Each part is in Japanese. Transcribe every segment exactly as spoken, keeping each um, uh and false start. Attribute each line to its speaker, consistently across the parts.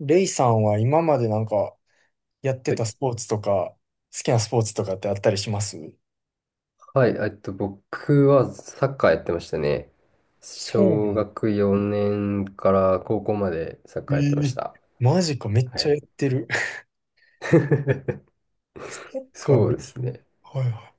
Speaker 1: レイさんは今までなんかやって
Speaker 2: は
Speaker 1: た
Speaker 2: い、
Speaker 1: スポーツとか、好きなスポーツとかってあったりします？
Speaker 2: はいえっと、僕はサッカーやってましたね。
Speaker 1: そう
Speaker 2: 小
Speaker 1: ね。
Speaker 2: 学よねんから高校までサッ
Speaker 1: え
Speaker 2: カーやってまし
Speaker 1: ー、
Speaker 2: た。
Speaker 1: マジか、めっ
Speaker 2: は
Speaker 1: ちゃや
Speaker 2: い。
Speaker 1: ってる。サッカー
Speaker 2: そう
Speaker 1: で
Speaker 2: です
Speaker 1: きる？
Speaker 2: ね。
Speaker 1: はいは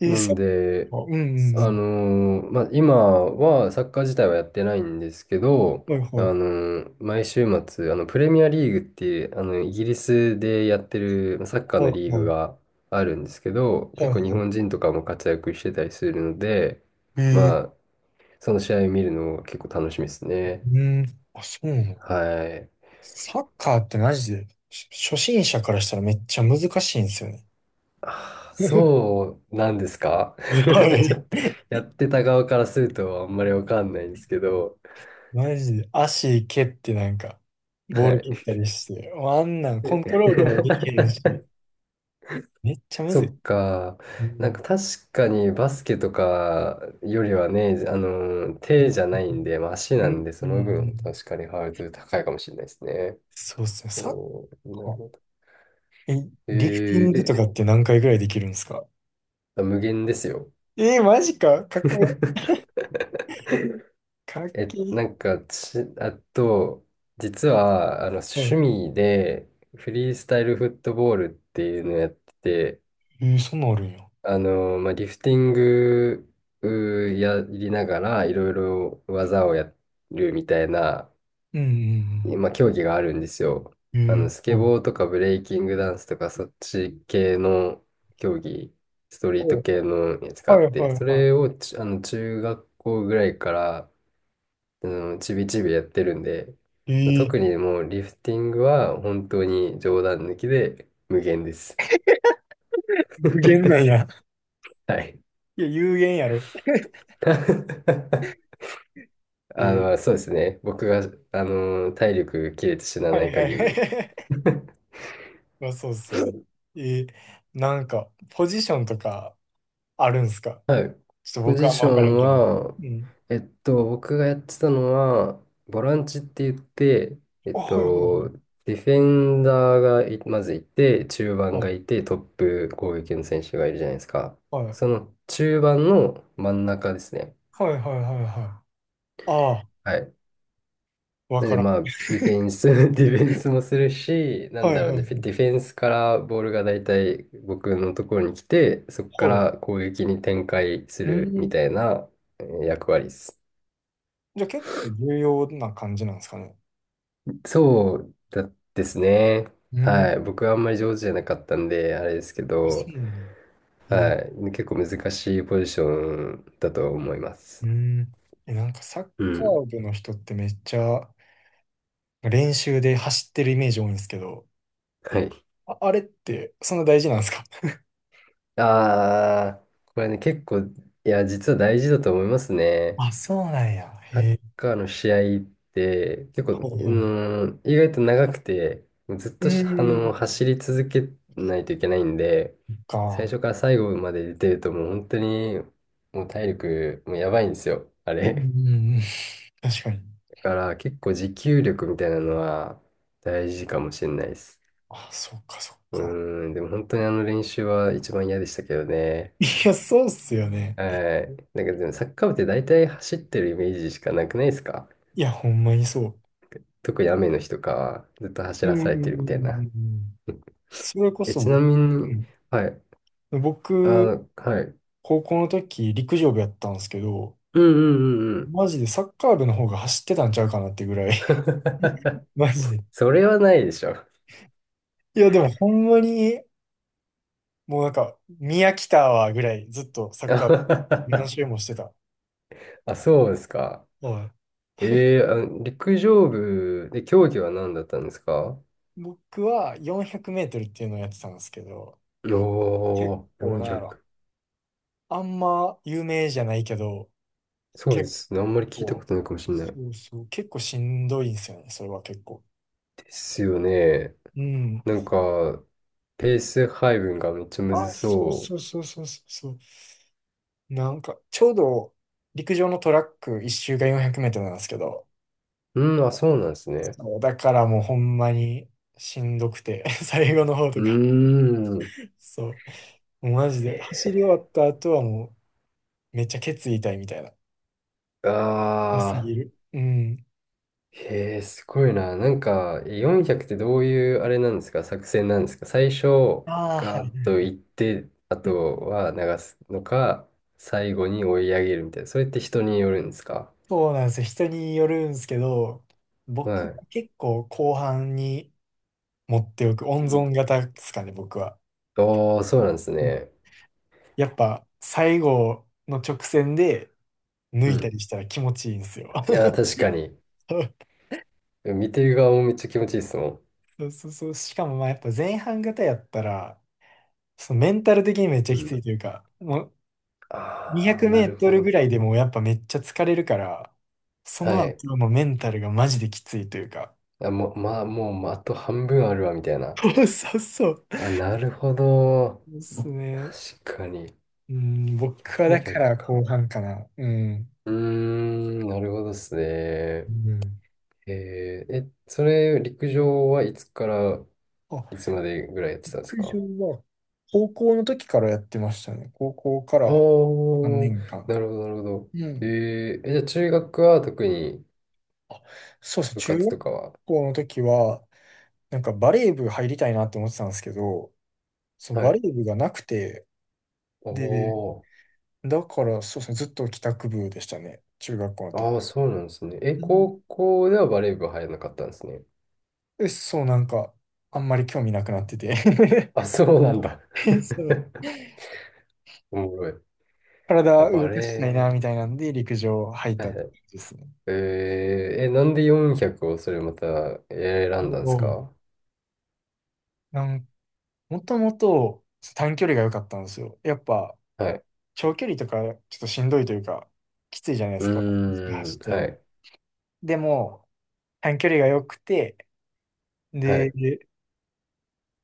Speaker 1: い。えー、
Speaker 2: な
Speaker 1: サ
Speaker 2: ん
Speaker 1: ッ
Speaker 2: で、
Speaker 1: カー、うんうんう
Speaker 2: あ
Speaker 1: ん。
Speaker 2: のーまあ、今はサッカー自体はやってないんですけど、
Speaker 1: はい
Speaker 2: あ
Speaker 1: はい。
Speaker 2: のー毎週末、あの、プレミアリーグっていう、あの、イギリスでやってるサッカー
Speaker 1: は
Speaker 2: の
Speaker 1: い
Speaker 2: リーグ
Speaker 1: はい。
Speaker 2: があるんですけど、
Speaker 1: はい
Speaker 2: 結構日
Speaker 1: は
Speaker 2: 本人とかも活躍してたりするので、
Speaker 1: い。え
Speaker 2: ま
Speaker 1: ー、
Speaker 2: あ、その試合を見るの結構楽しみですね。
Speaker 1: うん。あ、そうなの。
Speaker 2: はい。
Speaker 1: サッカーってマジで、し初心者からしたらめっちゃ難しいんですよね。
Speaker 2: あ、 そうなんですか？
Speaker 1: は
Speaker 2: ちょ
Speaker 1: い。
Speaker 2: っと、やってた側からするとあんまりわかんないんですけど。
Speaker 1: マジで足蹴ってなんか、ボ
Speaker 2: は
Speaker 1: ール切っ
Speaker 2: い。
Speaker 1: たりして、もうあんなんコントロールもできへん し、めっちゃむ
Speaker 2: そ
Speaker 1: ずい。
Speaker 2: っか。
Speaker 1: う
Speaker 2: なん
Speaker 1: ん。
Speaker 2: か確かにバスケとかよりはね、あの、
Speaker 1: う
Speaker 2: 手
Speaker 1: ん。
Speaker 2: じゃないんで、まあ足
Speaker 1: う
Speaker 2: なん
Speaker 1: ん。
Speaker 2: で、
Speaker 1: う
Speaker 2: そ
Speaker 1: ん。う
Speaker 2: の分
Speaker 1: ん、
Speaker 2: 確かにハードル高いかもしれないですね。
Speaker 1: そうっすね。サッ
Speaker 2: おー、
Speaker 1: カ
Speaker 2: なる
Speaker 1: ー。
Speaker 2: ほど。
Speaker 1: え、
Speaker 2: え
Speaker 1: リフティン
Speaker 2: ー
Speaker 1: グと
Speaker 2: え、
Speaker 1: かって何回ぐらいできるんですか？
Speaker 2: あ、無限ですよ。
Speaker 1: えー、マジか。かっこいい。かっけ
Speaker 2: え、な
Speaker 1: え。
Speaker 2: んかち、あと、実は、あの、
Speaker 1: は
Speaker 2: 趣
Speaker 1: い。
Speaker 2: 味で、フリースタイルフットボールっていうのをやってて、
Speaker 1: えー、そんなんあるんや。
Speaker 2: あの、まあ、リフティングうーやりながら、いろいろ技をやるみたいな、
Speaker 1: うん
Speaker 2: まあ、競技があるんですよ。
Speaker 1: うんう
Speaker 2: あ
Speaker 1: ん。え
Speaker 2: の、ス
Speaker 1: ー、
Speaker 2: ケ
Speaker 1: はい。
Speaker 2: ボーとかブレイキングダンスとか、そっち系の競技、ストリー
Speaker 1: お
Speaker 2: ト
Speaker 1: はい
Speaker 2: 系のやつがあ
Speaker 1: は
Speaker 2: っ
Speaker 1: い
Speaker 2: て、そ
Speaker 1: は
Speaker 2: れをち、あの、中学校ぐらいから、あの、ちびちびやってるんで、
Speaker 1: い。えー、
Speaker 2: 特にもうリフティングは本当に冗談抜きで無限です。
Speaker 1: 有限なん や。
Speaker 2: はい。
Speaker 1: いや、有限やろ。え
Speaker 2: あ
Speaker 1: ー、
Speaker 2: の、そうですね。僕が、あの、体力切れて死な
Speaker 1: は
Speaker 2: な
Speaker 1: い
Speaker 2: い
Speaker 1: は
Speaker 2: 限り。
Speaker 1: い。まあ、そうっすよね。えーなんか、ポジションとかあるんすか？
Speaker 2: はい。
Speaker 1: ちょっと
Speaker 2: ポ
Speaker 1: 僕
Speaker 2: ジ
Speaker 1: はあんま
Speaker 2: ショ
Speaker 1: わからん
Speaker 2: ン
Speaker 1: けど。
Speaker 2: は、
Speaker 1: うん。
Speaker 2: えっと、僕がやってたのは、ボランチって言って、えっ
Speaker 1: あ、はいはいは
Speaker 2: と、
Speaker 1: い。
Speaker 2: ディフェンダーがいまずいて、中盤がい
Speaker 1: あ、
Speaker 2: て、トップ攻撃の選手がいるじゃないですか。
Speaker 1: はい。
Speaker 2: その中盤の真ん中ですね。
Speaker 1: はいはいはいはい。あ
Speaker 2: はい。
Speaker 1: あ、わ
Speaker 2: なの
Speaker 1: か
Speaker 2: で、
Speaker 1: らん。
Speaker 2: まあ、ディフェンス、ディフェンスもするし、なん
Speaker 1: はい
Speaker 2: だろ
Speaker 1: は
Speaker 2: う
Speaker 1: いは
Speaker 2: ね、
Speaker 1: い。
Speaker 2: ディフェンスからボールがだいたい僕のところに来て、そこか
Speaker 1: はい。
Speaker 2: ら攻撃に展開す
Speaker 1: う
Speaker 2: るみ
Speaker 1: ん。
Speaker 2: たいなえー役割です。
Speaker 1: じゃあ結構重要な感じなんですかね？
Speaker 2: そうだですね。
Speaker 1: う
Speaker 2: は
Speaker 1: ん。
Speaker 2: い。僕はあんまり上手じゃなかったんで、あれですけ
Speaker 1: あ、そ
Speaker 2: ど、
Speaker 1: うなんだ。え
Speaker 2: は
Speaker 1: ー、
Speaker 2: い。結構難しいポジションだと思います。
Speaker 1: うん。え、なんかサッ
Speaker 2: う
Speaker 1: カ
Speaker 2: ん。
Speaker 1: ー部の人ってめっちゃ練習で走ってるイメージ多いんですけど、
Speaker 2: はい。
Speaker 1: あ、あれってそんな大事なんですか？
Speaker 2: ああ、これね、結構、いや、実は大事だと思いますね。
Speaker 1: あ、そうなんや。
Speaker 2: サ
Speaker 1: へ
Speaker 2: ッ
Speaker 1: え。
Speaker 2: カーの試合って結構、うーん、意外と長くて、ずっ
Speaker 1: う
Speaker 2: としあ
Speaker 1: ー
Speaker 2: の、
Speaker 1: ん。
Speaker 2: 走り続けないといけないんで、最
Speaker 1: か。
Speaker 2: 初から最後まで出てるともう本当にもう体力もうやばいんですよ、あ
Speaker 1: うー
Speaker 2: れ。
Speaker 1: ん。確かに。
Speaker 2: だから結構持久力みたいなのは大事かもしれないです。
Speaker 1: あ、そっかそっ
Speaker 2: う
Speaker 1: か。
Speaker 2: ーん、でも本当にあの練習は一番嫌でしたけどね。
Speaker 1: いや、そうっすよね。
Speaker 2: はい。なんかでもサッカー部って大体走ってるイメージしかなくないですか？
Speaker 1: いや、ほんまにそう。
Speaker 2: 特に雨の日とかはずっと走
Speaker 1: う
Speaker 2: ら
Speaker 1: んう
Speaker 2: さ
Speaker 1: ん
Speaker 2: れてる
Speaker 1: う
Speaker 2: みたい
Speaker 1: ん
Speaker 2: な。
Speaker 1: うん。
Speaker 2: うん。
Speaker 1: それこ
Speaker 2: え、
Speaker 1: そ
Speaker 2: ちな
Speaker 1: 僕、
Speaker 2: み
Speaker 1: う
Speaker 2: に、
Speaker 1: ん。
Speaker 2: はい。あ
Speaker 1: 僕、
Speaker 2: の、はい。
Speaker 1: 高校の時、陸上部やったんですけど、
Speaker 2: うんうんうんうん。
Speaker 1: マジでサッカー部の方が走ってたんちゃうかなってぐらい。マジで。
Speaker 2: それはないでしょ。
Speaker 1: いや、でもほんまに、もうなんか、宮来たわぐらい、ずっとサッカー部何 周もしてた。
Speaker 2: あ、そうですか。
Speaker 1: はい。
Speaker 2: えー、あの陸上部で競技は何だったんですか？
Speaker 1: 僕はよんひゃくメートルっていうのをやってたんですけど、
Speaker 2: お
Speaker 1: 結
Speaker 2: ー、
Speaker 1: 構、なんやろ。
Speaker 2: よんひゃく。
Speaker 1: あんま有名じゃないけど、
Speaker 2: そうで
Speaker 1: 結
Speaker 2: すね。あんまり聞いたこ
Speaker 1: 構、
Speaker 2: とないかもしれない。
Speaker 1: そうそう、結構しんどいんですよね、それは結構。
Speaker 2: ですよね。
Speaker 1: うん。
Speaker 2: なんか、ペース配分がめっちゃむ
Speaker 1: あ、
Speaker 2: ず
Speaker 1: そう
Speaker 2: そ
Speaker 1: そうそうそうそうそう。なんか、ちょうど陸上のトラック一周がよんひゃくメートルなんですけど、
Speaker 2: う。うん、あ、そうなんですね。
Speaker 1: そう、だからもうほんまにしんどくて、最後の方
Speaker 2: う
Speaker 1: とか、
Speaker 2: ーん。
Speaker 1: そう、もうマジで走り終わった後はもうめっちゃケツ痛いみたいな。良す
Speaker 2: ああ、
Speaker 1: ぎる。うん。
Speaker 2: へえ、すごいな。なんか、よんひゃくってどういうあれなんですか？作戦なんですか？最初、
Speaker 1: ああ、は
Speaker 2: ガー
Speaker 1: い。
Speaker 2: ッと行って、あとは流すのか、最後に追い上げるみたいな。それって人によるんですか？
Speaker 1: そうなんですよ。人によるんですけど、僕
Speaker 2: はい。
Speaker 1: は結構後半に持っておく、
Speaker 2: う
Speaker 1: 温
Speaker 2: ん。
Speaker 1: 存型ですかね、僕は。
Speaker 2: おー、そうなんです
Speaker 1: うん、
Speaker 2: ね。
Speaker 1: やっぱ最後の直線で抜
Speaker 2: う
Speaker 1: いた
Speaker 2: ん。
Speaker 1: りしたら気持ちいいんですよ。
Speaker 2: いや、確かに。見てる側もめっちゃ気持ちいいですもん。
Speaker 1: そうそうそう。しかもまあやっぱ前半型やったら、そのメンタル的にめっちゃ
Speaker 2: う
Speaker 1: きつ
Speaker 2: ん。
Speaker 1: いというか、もう200
Speaker 2: ああ、
Speaker 1: メ
Speaker 2: な
Speaker 1: ー
Speaker 2: る
Speaker 1: ト
Speaker 2: ほ
Speaker 1: ルぐ
Speaker 2: ど。
Speaker 1: らいでもうやっぱめっちゃ疲れるから、そ
Speaker 2: は
Speaker 1: の
Speaker 2: い。
Speaker 1: 後のメンタルがマジできついというか。
Speaker 2: あ、もう、まあ、もう、あと半分あるわ、みたい な。
Speaker 1: そうそうそう。
Speaker 2: あ、なるほど。
Speaker 1: ですね。
Speaker 2: 確かに。
Speaker 1: うん、僕はだか
Speaker 2: よんひゃく
Speaker 1: ら
Speaker 2: か。
Speaker 1: 後半かな。うん。
Speaker 2: うーん、なるほどですね。
Speaker 1: うん。
Speaker 2: えー、え、それ、陸上はいつから
Speaker 1: あ、
Speaker 2: いつまでぐらいやってたんです
Speaker 1: 陸上
Speaker 2: か？
Speaker 1: は高校の時からやってましたね。高校か
Speaker 2: ああ
Speaker 1: ら3
Speaker 2: ー、
Speaker 1: 年間。
Speaker 2: なるほど、なるほど。
Speaker 1: う
Speaker 2: え
Speaker 1: ん。
Speaker 2: ー、え、じゃあ中学は特に
Speaker 1: あ、そうですね。
Speaker 2: 部
Speaker 1: 中
Speaker 2: 活
Speaker 1: 学
Speaker 2: とかは？
Speaker 1: 校の時は、なんかバレー部入りたいなって思ってたんですけど、その
Speaker 2: は
Speaker 1: バ
Speaker 2: い。
Speaker 1: レー部がなくて、
Speaker 2: お
Speaker 1: で、
Speaker 2: ー、
Speaker 1: だからそうですね。ずっと帰宅部でしたね。中学校の時。
Speaker 2: ああ、そうなんですね。え、
Speaker 1: うん。
Speaker 2: 高校ではバレー部入らなかったんですね。
Speaker 1: で、そう、なんか、あんまり興味なくなってて。
Speaker 2: あ、そうなんだ。
Speaker 1: そう、
Speaker 2: おもろい。あ、
Speaker 1: 体
Speaker 2: バ
Speaker 1: 動かし
Speaker 2: レ
Speaker 1: た
Speaker 2: ー
Speaker 1: いな、み
Speaker 2: 部、
Speaker 1: たいなんで、陸上入っ
Speaker 2: は
Speaker 1: たっ
Speaker 2: いはい。
Speaker 1: て感じですね。
Speaker 2: えー、え、なんでよんひゃくをそれまた選
Speaker 1: お
Speaker 2: んだんです
Speaker 1: ー
Speaker 2: か？
Speaker 1: なん、もともと短距離が良かったんですよ。やっぱ、
Speaker 2: はい。
Speaker 1: 長距離とかちょっとしんどいというか、きついじゃないで
Speaker 2: う
Speaker 1: すか。
Speaker 2: ー
Speaker 1: 走
Speaker 2: ん、
Speaker 1: ってる
Speaker 2: は
Speaker 1: の。
Speaker 2: い、
Speaker 1: でも、短距離が良くて、
Speaker 2: は
Speaker 1: で、
Speaker 2: い。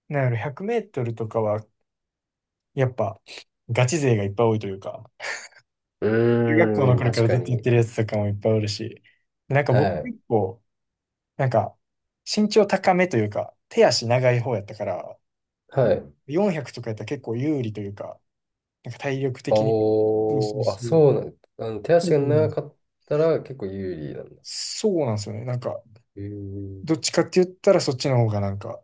Speaker 1: なんやろ、ひゃくメートルとかは、やっぱ、ガチ勢がいっぱい多いというか、
Speaker 2: う
Speaker 1: 中学校の
Speaker 2: ーん、
Speaker 1: 頃か
Speaker 2: 確
Speaker 1: らず
Speaker 2: か
Speaker 1: っとやっ
Speaker 2: に。
Speaker 1: てるやつとかもいっぱいおるし、でなんか
Speaker 2: は
Speaker 1: 僕
Speaker 2: い、
Speaker 1: 結構、なんか、身長高めというか、手足長い方やったから、
Speaker 2: はい。
Speaker 1: よんひゃくとかやったら結構有利というか、なんか体力的に。そうそう
Speaker 2: おー、あ、
Speaker 1: そう。
Speaker 2: そうなんあの、手
Speaker 1: そう
Speaker 2: 足が
Speaker 1: なん
Speaker 2: 長
Speaker 1: で
Speaker 2: かったら結構有利なんだ。
Speaker 1: すそうなんですよね。なんか、
Speaker 2: うーん、
Speaker 1: どっちかって言ったらそっちの方がなんか、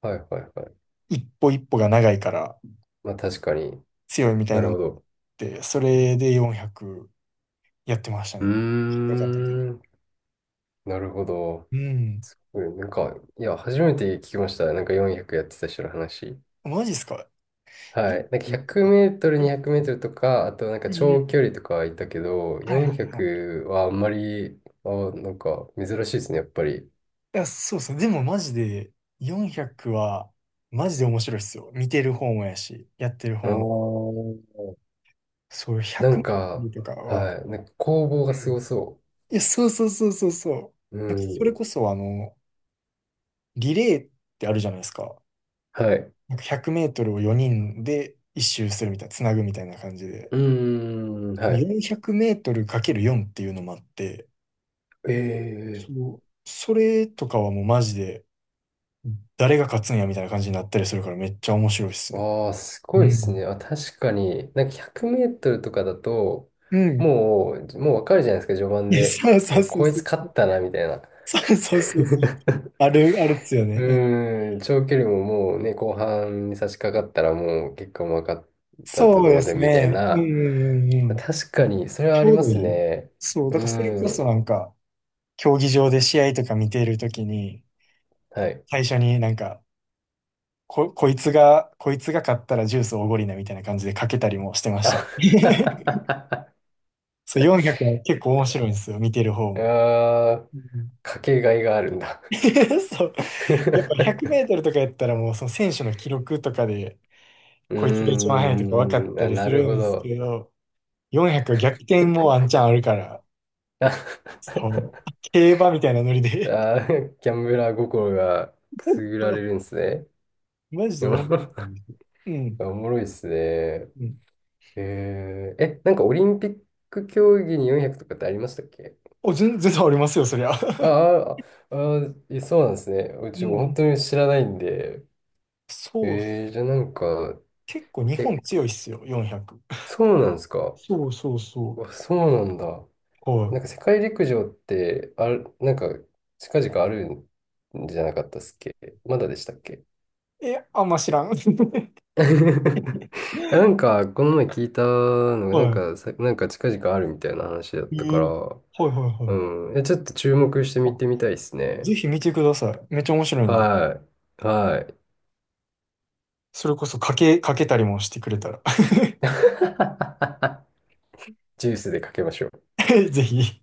Speaker 2: はい、はい、はい。
Speaker 1: 一歩一歩が長いから
Speaker 2: まあ確かに。
Speaker 1: 強いみた
Speaker 2: な
Speaker 1: いな
Speaker 2: る
Speaker 1: のっ
Speaker 2: ほど。
Speaker 1: て、それでよんひゃくやってました
Speaker 2: う
Speaker 1: ね。
Speaker 2: ー
Speaker 1: よかったけど。
Speaker 2: ん、なるほど。
Speaker 1: うん。
Speaker 2: すごい、なんか、いや、初めて聞きました。なんかよんひゃくやってた人の話。
Speaker 1: マジっすか
Speaker 2: はい。なんか100
Speaker 1: ?よんひゃく と
Speaker 2: メ
Speaker 1: か。
Speaker 2: ートル、
Speaker 1: うん
Speaker 2: にひゃくメートルとか、あとなんか
Speaker 1: うんう
Speaker 2: 長距
Speaker 1: ん
Speaker 2: 離とかはいたけど、
Speaker 1: はいはいはい。
Speaker 2: よんひゃくはあんまり、あ、なんか珍しいですね、やっぱり。
Speaker 1: いや、そうそう。でもマジでよんひゃくは、マジで面白いっすよ。見てる方もやし、やってる
Speaker 2: あ
Speaker 1: 方も。
Speaker 2: ー、
Speaker 1: そう、100
Speaker 2: な
Speaker 1: メ
Speaker 2: んか、
Speaker 1: ートルとかは、
Speaker 2: はい。なんか攻防
Speaker 1: う
Speaker 2: がすご
Speaker 1: ん、
Speaker 2: そ
Speaker 1: いや、そうそうそうそうそう。
Speaker 2: う。う
Speaker 1: なんかそれこ
Speaker 2: ん。
Speaker 1: そ、あの、リレーってあるじゃないですか。
Speaker 2: はい。
Speaker 1: なんかひゃくメートルをよにんで一周するみたいな、つなぐみたいな感じで。
Speaker 2: うーん。はい。
Speaker 1: よんひゃくメートルかけるよんっていうのもあって、
Speaker 2: え、え
Speaker 1: そう、それとかはもうマジで、誰が勝つんやみたいな感じになったりするからめっちゃ面白いっすね。
Speaker 2: ああ、すご
Speaker 1: う
Speaker 2: いです
Speaker 1: ん。
Speaker 2: ね。あ、確かに。なんかひゃくメートルとかだと、
Speaker 1: うん。
Speaker 2: もう、もうわかるじゃないですか、序盤
Speaker 1: いや、
Speaker 2: で。
Speaker 1: そうそう
Speaker 2: あ、
Speaker 1: そう
Speaker 2: こい
Speaker 1: そ
Speaker 2: つ
Speaker 1: う。
Speaker 2: 勝ったな、みたいな。
Speaker 1: そうそうそうそう。ある、あるっすよ
Speaker 2: う
Speaker 1: ね。うん、
Speaker 2: ーん、長距離ももうね、後半に差し掛かったらもう結果も分かったと
Speaker 1: そうで
Speaker 2: 同
Speaker 1: す
Speaker 2: 然みたい
Speaker 1: ね。うんう
Speaker 2: な。
Speaker 1: んうんう
Speaker 2: まあ
Speaker 1: ん。
Speaker 2: 確かに、それは
Speaker 1: ち
Speaker 2: あり
Speaker 1: ょう
Speaker 2: ま
Speaker 1: どい
Speaker 2: す
Speaker 1: い。
Speaker 2: ね。
Speaker 1: そう、
Speaker 2: う
Speaker 1: だからそれこそ
Speaker 2: ー
Speaker 1: な
Speaker 2: ん、
Speaker 1: んか、競技場で試合とか見ているときに、
Speaker 2: はい。
Speaker 1: 最初になんか、こ、こいつが、こいつが勝ったらジュースおごりなみたいな感じでかけたりもしてましたね。
Speaker 2: あ。
Speaker 1: そう、よんひゃくは結構面白いんですよ、見てる方
Speaker 2: あ
Speaker 1: も。
Speaker 2: ー、
Speaker 1: うん。
Speaker 2: かけがいがあるんだ。
Speaker 1: そう。やっぱ100メ
Speaker 2: う
Speaker 1: ートルとかやったらもうその選手の記録とかで、
Speaker 2: ー
Speaker 1: こいつが一番速いとか分かっ
Speaker 2: ん、
Speaker 1: た
Speaker 2: あ、
Speaker 1: り
Speaker 2: な
Speaker 1: す
Speaker 2: る
Speaker 1: る
Speaker 2: ほ
Speaker 1: んです
Speaker 2: ど。
Speaker 1: けど、よんひゃくは逆転もワンチャンあるから、そう、競馬みたいなノリで。
Speaker 2: ああー、ギャンブラー心がくすぐられるん ですね。
Speaker 1: マジで思うん ですよ。う
Speaker 2: お
Speaker 1: ん。
Speaker 2: もろいっすね。
Speaker 1: うん。
Speaker 2: えー、え、なんかオリンピック競技によんひゃくとかってありましたっけ？
Speaker 1: お、全全然ありますよ、そりゃ。
Speaker 2: あ あ、ああ、え、そうなんですね。う
Speaker 1: う
Speaker 2: ち本
Speaker 1: ん
Speaker 2: 当
Speaker 1: うん。
Speaker 2: に知らないんで。
Speaker 1: そうっす。
Speaker 2: えー、じゃあなんか、
Speaker 1: 結構日
Speaker 2: え、
Speaker 1: 本強いっすよ、よんひゃく。
Speaker 2: そうなんですか？
Speaker 1: そうそう
Speaker 2: う
Speaker 1: そ
Speaker 2: わ、そうなんだ。
Speaker 1: う。は
Speaker 2: なんか世界陸上って、ある、なんか近々あるんじゃなかったっすっけ？まだでしたっけ？
Speaker 1: い。え、あんま知らん。
Speaker 2: いや、なんか、この前聞いたのが、なん
Speaker 1: は
Speaker 2: かさ、なんか近々あるみたいな話だっ
Speaker 1: い。
Speaker 2: た
Speaker 1: え
Speaker 2: から、
Speaker 1: ー、はいはいはい。
Speaker 2: うん。え、ちょっと注目して見
Speaker 1: あ、
Speaker 2: てみたいですね。
Speaker 1: ぜひ見てください。めっちゃ面白いんで。
Speaker 2: はい。はい。
Speaker 1: それこそかけ、かけたりもしてくれたら。
Speaker 2: ジュースでかけましょう。
Speaker 1: ぜひ。